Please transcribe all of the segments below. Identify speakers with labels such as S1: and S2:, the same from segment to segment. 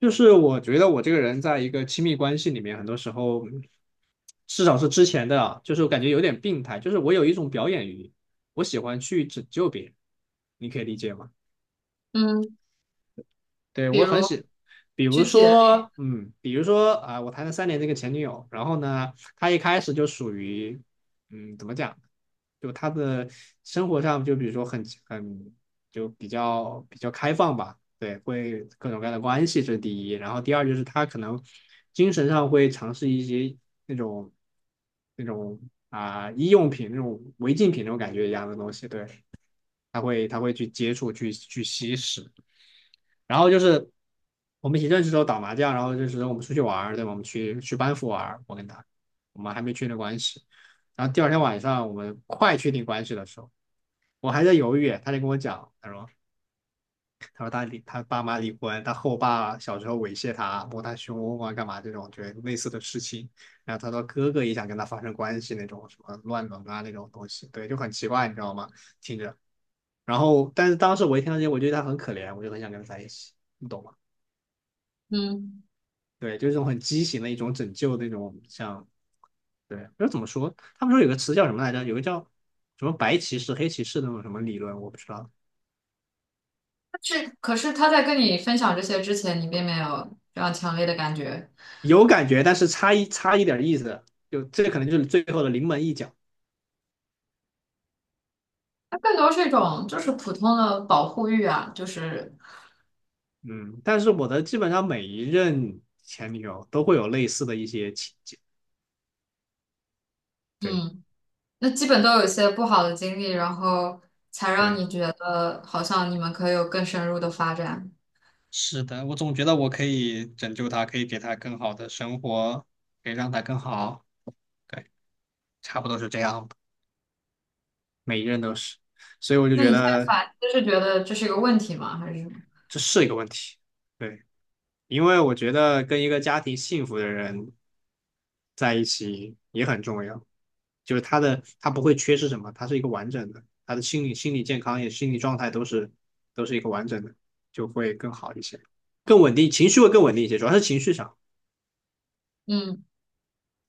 S1: 就是我觉得我这个人在一个亲密关系里面，很多时候，至少是之前的啊，就是我感觉有点病态，就是我有一种表演欲，我喜欢去拯救别人，你可以理解吗？
S2: 嗯，
S1: 对，
S2: 比
S1: 我很
S2: 如
S1: 喜，比
S2: 具
S1: 如
S2: 体的例
S1: 说，
S2: 子，
S1: 嗯，比如说啊、我谈了三年这个前女友，然后呢，她一开始就属于，怎么讲，就她的生活上，就比如说很就比较开放吧，对，会各种各样的关系，这是第一，然后第二就是她可能精神上会尝试一些那种那种医用品那种违禁品那种感觉一样的东西，对，他会去接触去吸食。然后就是我们一起认识的时候打麻将，然后就是我们出去玩对吧？我们去班服玩我跟他，我们还没确定关系。然后第二天晚上我们快确定关系的时候，我还在犹豫，他就跟我讲，他说他离他爸妈离婚，他后爸小时候猥亵他，摸他胸啊，干嘛这种，就类似的事情。然后他说哥哥也想跟他发生关系那种，什么乱伦啊那种东西，对，就很奇怪，你知道吗？听着。然后，但是当时我一听到这些，我觉得他很可怜，我就很想跟他在一起，你懂吗？
S2: 嗯，
S1: 对，就是这种很畸形的一种拯救那种，像对，就怎么说？他们说有个词叫什么来着？有个叫什么白骑士、黑骑士那种什么理论，我不知道
S2: 但是可是他在跟你分享这些之前，你并没有这样强烈的感觉，
S1: 有感觉，但是差一点意思，就这可能就是最后的临门一脚。
S2: 它更多是一种就是普通的保护欲啊，就是
S1: 嗯，但是我的基本上每一任前女友都会有类似的一些情节。对
S2: 嗯，那基本都有一些不好的经历，然后才让
S1: 对，
S2: 你觉得好像你们可以有更深入的发展。
S1: 是的，我总觉得我可以拯救她，可以给她更好的生活，可以让她更好。对，差不多是这样吧。每一任都是，所以我就
S2: 那
S1: 觉
S2: 你现在
S1: 得
S2: 反思是觉得这是一个问题吗？还是什么？
S1: 这是一个问题。对，因为我觉得跟一个家庭幸福的人在一起也很重要。就是他的他不会缺失什么，他是一个完整的，他的心理健康也心理状态都是一个完整的，就会更好一些，更稳定，情绪会更稳定一些，主要是情绪上。
S2: 嗯，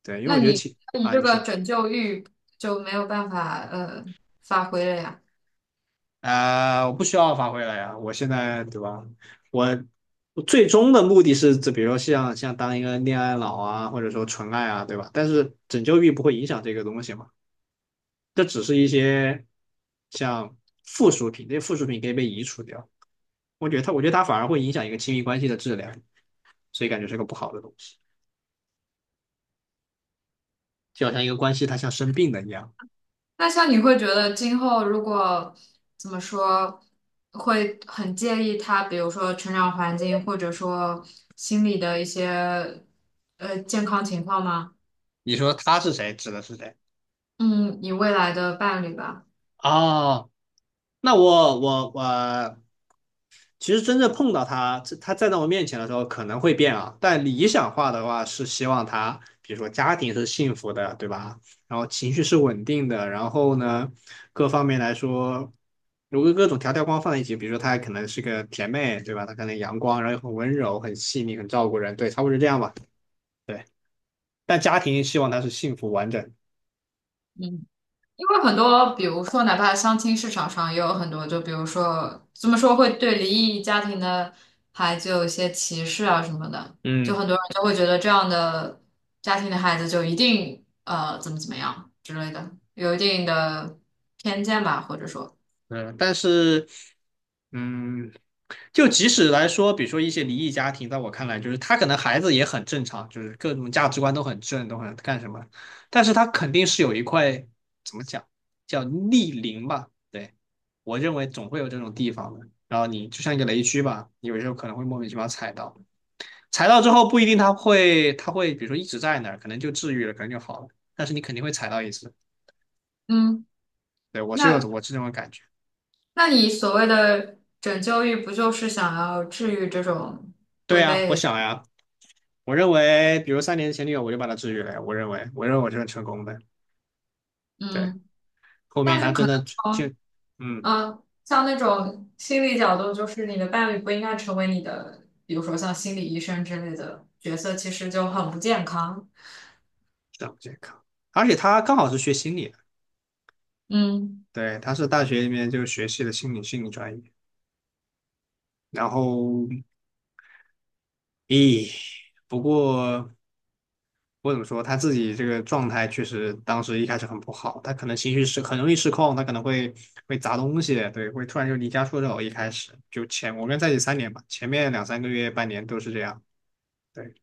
S1: 对，因为
S2: 那
S1: 我觉得
S2: 你
S1: 情
S2: 你
S1: 啊，
S2: 这
S1: 你
S2: 个
S1: 说
S2: 拯救欲就没有办法发挥了呀？
S1: 我不需要发挥了呀，我现在对吧？我我最终的目的是，这比如说像当一个恋爱脑啊，或者说纯爱啊，对吧？但是拯救欲不会影响这个东西嘛，这只是一些像附属品，这些附属品可以被移除掉。我觉得它，我觉得它反而会影响一个亲密关系的质量，所以感觉是个不好的东西。就好像一个关系，它像生病了一样。
S2: 那像你会觉得今后如果怎么说，会很介意他，比如说成长环境，或者说心理的一些健康情况吗？
S1: 你说他是谁，指的是谁？
S2: 嗯，你未来的伴侣吧。
S1: 哦，那我其实真正碰到他，他站在我面前的时候可能会变啊，但理想化的话是希望他，比如说家庭是幸福的，对吧？然后情绪是稳定的，然后呢，各方面来说，如果各种条条框放在一起，比如说她可能是个甜妹，对吧？她可能阳光，然后又很温柔、很细腻、很照顾人，对，差不多是这样吧。对，但家庭希望她是幸福完整。
S2: 嗯。因为很多，比如说，哪怕相亲市场上也有很多，就比如说，怎么说会对离异家庭的孩子有一些歧视啊什么的，就
S1: 嗯，
S2: 很多人就会觉得这样的家庭的孩子就一定怎么怎么样之类的，有一定的偏见吧，或者说，
S1: 嗯，但是，嗯，就即使来说，比如说一些离异家庭，在我看来，就是他可能孩子也很正常，就是各种价值观都很正，都很干什么，但是他肯定是有一块怎么讲，叫逆鳞吧？对，我认为总会有这种地方的。然后你就像一个雷区吧，你有时候可能会莫名其妙踩到，踩到之后不一定他会，他会比如说一直在那儿，可能就治愈了，可能就好了，但是你肯定会踩到一次。
S2: 嗯，
S1: 对，我是有
S2: 那
S1: 我是这种感觉。
S2: 你所谓的拯救欲，不就是想要治愈这种
S1: 对
S2: 会
S1: 呀，我
S2: 被
S1: 想呀。我认为，比如三年前女友，我就把她治愈了呀。我认为，我认为我这是成功的。对，
S2: 嗯，
S1: 后面
S2: 但是
S1: 她
S2: 可
S1: 真
S2: 能
S1: 的就，
S2: 从
S1: 嗯，
S2: 嗯，像那种心理角度，就是你的伴侣不应该成为你的，比如说像心理医生之类的角色，其实就很不健康。
S1: 这样健康，而且她刚好是学心理的，
S2: 嗯
S1: 对，她是大学里面就学习的心理专业。然后，咦，不过我怎么说，她自己这个状态确实当时一开始很不好，她可能情绪失很容易失控，她可能会砸东西，对，会突然就离家出走。一开始就前我跟在一起三年吧，前面2、3个月、半年都是这样。对。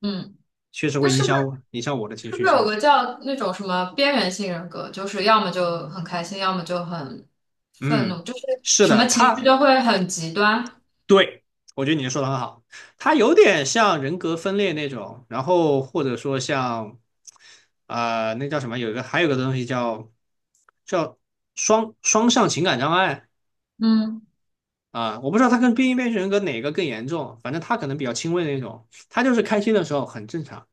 S2: 嗯，
S1: 确实
S2: 那
S1: 会
S2: 是
S1: 影
S2: 不是
S1: 响我，影响我的情
S2: 是不
S1: 绪，
S2: 是有
S1: 甚
S2: 个
S1: 至，
S2: 叫那种什么边缘性人格，就是要么就很开心，要么就很愤怒，
S1: 嗯，
S2: 就是
S1: 是
S2: 什么
S1: 的，
S2: 情绪
S1: 他
S2: 都会很极端。
S1: 对我觉得你说的很好，他有点像人格分裂那种，然后或者说像，那叫什么？有一个还有个东西叫叫双向情感障碍
S2: 嗯
S1: 啊，我不知道他跟边缘人格哪个更严重，反正他可能比较轻微的那种，他就是开心的时候很正常，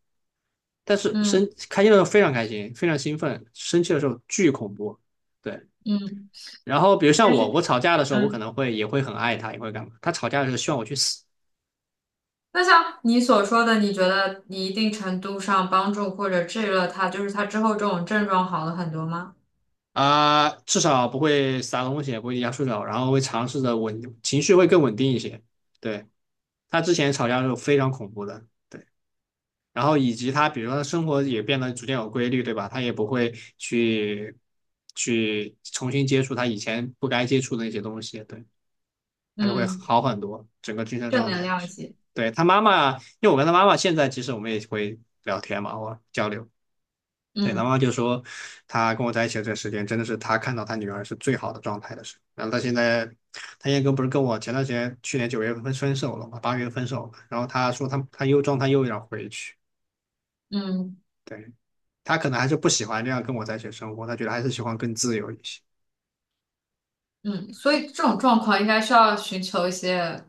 S1: 但是
S2: 嗯
S1: 生开心的时候非常开心，非常兴奋，生气的时候巨恐怖。对。
S2: 嗯，
S1: 然后比如像
S2: 但
S1: 我，
S2: 是，
S1: 我吵架的时候，我可
S2: 嗯，
S1: 能会也会很爱他，也会干嘛。他吵架的时候希望我去死
S2: 那像你所说的，你觉得你一定程度上帮助或者治愈了他，就是他之后这种症状好了很多吗？
S1: 啊、至少不会撒东西，也不会压手脚，然后会尝试着稳，情绪会更稳定一些。对，他之前吵架的时候非常恐怖的，对。然后以及他，比如说他生活也变得逐渐有规律，对吧？他也不会去去重新接触他以前不该接触的那些东西，对，他就会
S2: 嗯，
S1: 好很多，整个精神
S2: 正
S1: 状
S2: 能
S1: 态。
S2: 量一些，
S1: 对，他妈妈，因为我跟他妈妈现在其实我们也会聊天嘛，我交流。对，他
S2: 嗯
S1: 妈妈就说，他跟我在一起的这时间，真的是他看到他女儿是最好的状态的时候。然后他现在，他现在不是跟我前段时间去年9月份分手了嘛，8月份分手了。然后他说他又状态又有要回去，
S2: 嗯
S1: 对，他可能还是不喜欢这样跟我在一起的生活，他觉得还是喜欢更自由一些。
S2: 嗯，所以这种状况应该需要寻求一些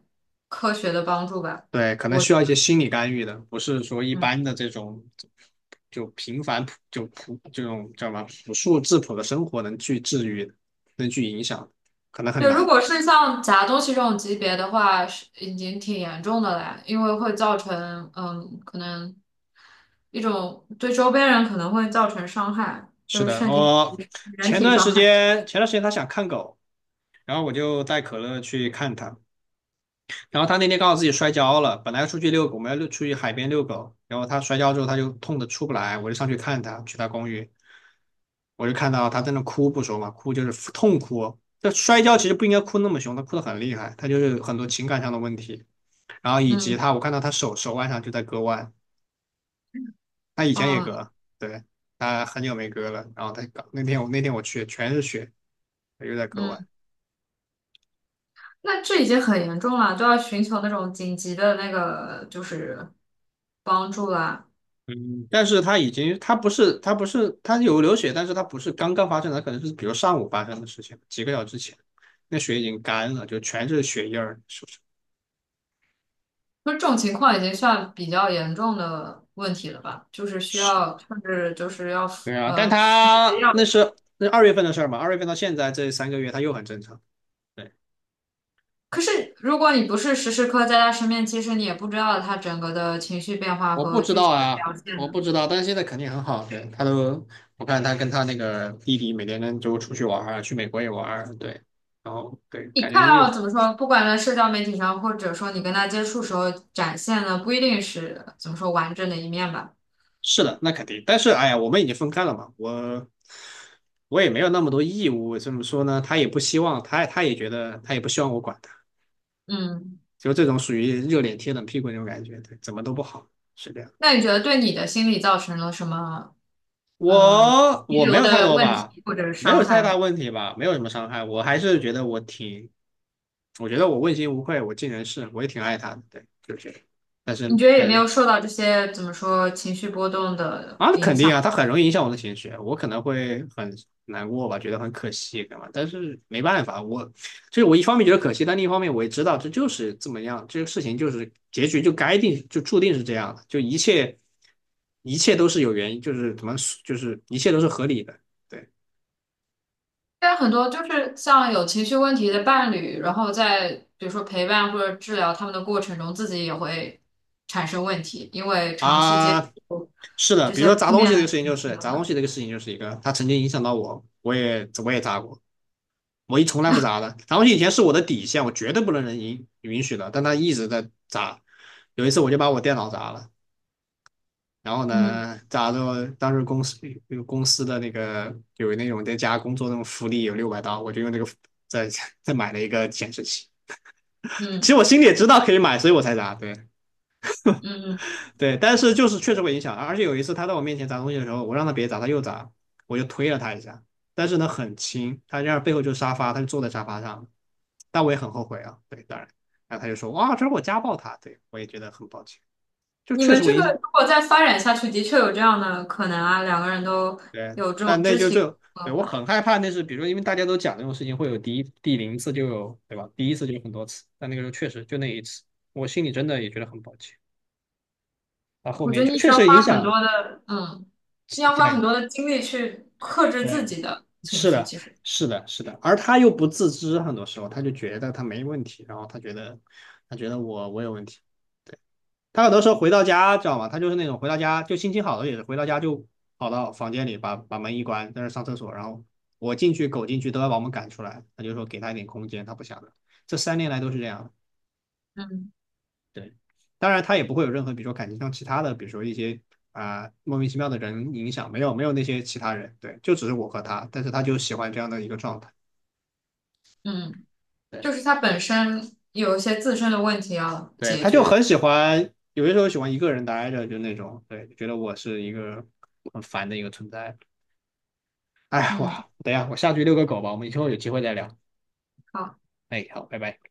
S2: 科学的帮助吧。
S1: 对，可能
S2: 我，
S1: 需要一些心理干预的，不是说一
S2: 嗯，
S1: 般的这种就普这种叫什么朴素质朴的生活能去治愈的能去影响的可能很
S2: 对，如
S1: 难。
S2: 果是像夹东西这种级别的话，是已经挺严重的了，因为会造成，嗯，可能一种对周边人可能会造成伤害，就
S1: 是
S2: 是
S1: 的，
S2: 甚至
S1: 我
S2: 人
S1: 前
S2: 体
S1: 段
S2: 伤
S1: 时
S2: 害。
S1: 间前段时间他想看狗，然后我就带可乐去看他，然后他那天刚好自己摔跤了，本来要出去遛狗，我们要遛出去海边遛狗，然后他摔跤之后他就痛的出不来，我就上去看他，去他公寓，我就看到他在那哭不说嘛，哭就是痛哭，这摔跤其实不应该哭那么凶，他哭得很厉害，他就是很多情感上的问题，然后以及
S2: 嗯，
S1: 他我看到他手腕上就在割腕，他以前也
S2: 哦，
S1: 割，对，他很久没割了，然后他那天我去全是血，他又在割腕。
S2: 嗯，那这已经很严重了，都要寻求那种紧急的那个就是帮助啦。
S1: 嗯，但是他已经，他不是，他有流血，但是他不是刚刚发生的，可能是比如上午发生的事情，几个小时之前，那血已经干了，就全是血印儿，是不是？
S2: 那这种情况已经算比较严重的问题了吧？就是需
S1: 是，
S2: 要，甚至就是要
S1: 对啊，但
S2: 呃
S1: 他
S2: 要。
S1: 那是二月份的事儿嘛，二月份到现在这3个月，他又很正常。对，
S2: 可是如果你不是时时刻在他身边，其实你也不知道他整个的情绪变化
S1: 我不
S2: 和
S1: 知
S2: 具
S1: 道
S2: 体的
S1: 啊，
S2: 表现
S1: 我
S2: 呢。
S1: 不知道，但是现在肯定很好。对，他都，我看他跟他那个弟弟每天就出去玩儿啊去美国也玩儿，对，然后对，
S2: 你
S1: 感觉
S2: 看
S1: 又
S2: 到怎么说，不管在社交媒体上，或者说你跟他接触时候展现的，不一定是怎么说完整的一面吧。
S1: 是的，那肯定。但是，哎呀，我们已经分开了嘛，我也没有那么多义务。怎么说呢？他也不希望，他也觉得，他也不希望我管他，
S2: 嗯，
S1: 就这种属于热脸贴冷屁股那种感觉，对，怎么都不好，是这样。
S2: 那你觉得对你的心理造成了什么
S1: 我
S2: 遗
S1: 我没
S2: 留
S1: 有太
S2: 的
S1: 多
S2: 问
S1: 吧，
S2: 题或者
S1: 没
S2: 伤
S1: 有
S2: 害
S1: 太大
S2: 吗？
S1: 问题吧，没有什么伤害。我还是觉得我挺，我觉得我问心无愧，我尽人事，我也挺爱他的，对，就是。但
S2: 你
S1: 是
S2: 觉得有
S1: 但
S2: 没
S1: 是
S2: 有受到这些怎么说情绪波动的
S1: 啊，那
S2: 影
S1: 肯
S2: 响？
S1: 定啊，它很容易影响我的情绪，我可能会很难过吧，觉得很可惜，干嘛？但是没办法，我就是我一方面觉得可惜，但另一方面我也知道这就是这么样，这个事情就是结局就该定，就注定是这样的，就一切一切都是有原因，就是怎么就是一切都是合理的，对
S2: 但很多就是像有情绪问题的伴侣，然后在比如说陪伴或者治疗他们的过程中，自己也会产生问题，因为长期接
S1: 啊，
S2: 触
S1: 是的，
S2: 这
S1: 比如
S2: 些
S1: 说
S2: 负
S1: 砸东
S2: 面
S1: 西这个
S2: 的
S1: 事情
S2: 情
S1: 就
S2: 绪
S1: 是
S2: 的
S1: 砸东
S2: 话，
S1: 西这个事情就是一个，它曾经影响到我，我也砸过，我一从来不砸的，砸东西以前是我的底线，我绝对不能允许的，但他一直在砸。有一次我就把我电脑砸了，然后
S2: 嗯
S1: 呢，砸着当时公司那个公司的那个有那种在家工作那种福利有600刀，我就用这个再 再买了一个显示器。其
S2: 嗯
S1: 实我心里也知道可以买，所以我才砸。对，
S2: 嗯嗯，
S1: 对，但是就是确实会影响，而且有一次他在我面前砸东西的时候，我让他别砸，他又砸，我就推了他一下，但是呢很轻，他这样背后就是沙发，他就坐在沙发上，但我也很后悔啊，对，当然，然后他就说哇，这是我家暴他，对我也觉得很抱歉，就
S2: 你
S1: 确
S2: 们
S1: 实
S2: 这
S1: 会
S2: 个
S1: 影响，
S2: 如果再发展下去，的确有这样的可能啊，两个人都
S1: 对，
S2: 有这种
S1: 但那
S2: 肢
S1: 就最
S2: 体，
S1: 后，对我
S2: 呃
S1: 很害怕那是，比如说因为大家都讲这种事情会有第一第零次就有，对吧？第一次就有很多次，但那个时候确实就那一次，我心里真的也觉得很抱歉，到后
S2: 我觉
S1: 面
S2: 得
S1: 就
S2: 你需
S1: 确
S2: 要
S1: 实影
S2: 花很多
S1: 响，
S2: 的，嗯，你要花很
S1: 对
S2: 多的精力去克制自
S1: 对。
S2: 己的情
S1: 是
S2: 绪，
S1: 的，
S2: 其实。
S1: 是的，是的，而他又不自知，很多时候他就觉得他没问题，然后他觉得我有问题，对，他很多时候回到家，知道吗？他就是那种回到家就心情好了，也是回到家就跑到房间里把门一关，在那上厕所，然后我进去狗进去都要把我们赶出来，他就说给他一点空间，他不想的，这3年来都是这样的
S2: 嗯
S1: 对，当然他也不会有任何比如说感情上其他的，比如说一些。啊、莫名其妙的人影响没有没有那些其他人，对，就只是我和他，但是他就喜欢这样的一个状态。
S2: 嗯，
S1: 对
S2: 就是它本身有一些自身的问题要
S1: 对，
S2: 解
S1: 他就
S2: 决。
S1: 很喜欢，有些时候喜欢一个人待着，就那种，对，觉得我是一个很烦的一个存在。哎，
S2: 嗯，
S1: 哇，等一下，我下去遛个狗吧，我们以后有机会再聊。
S2: 好。
S1: 哎，好，拜拜。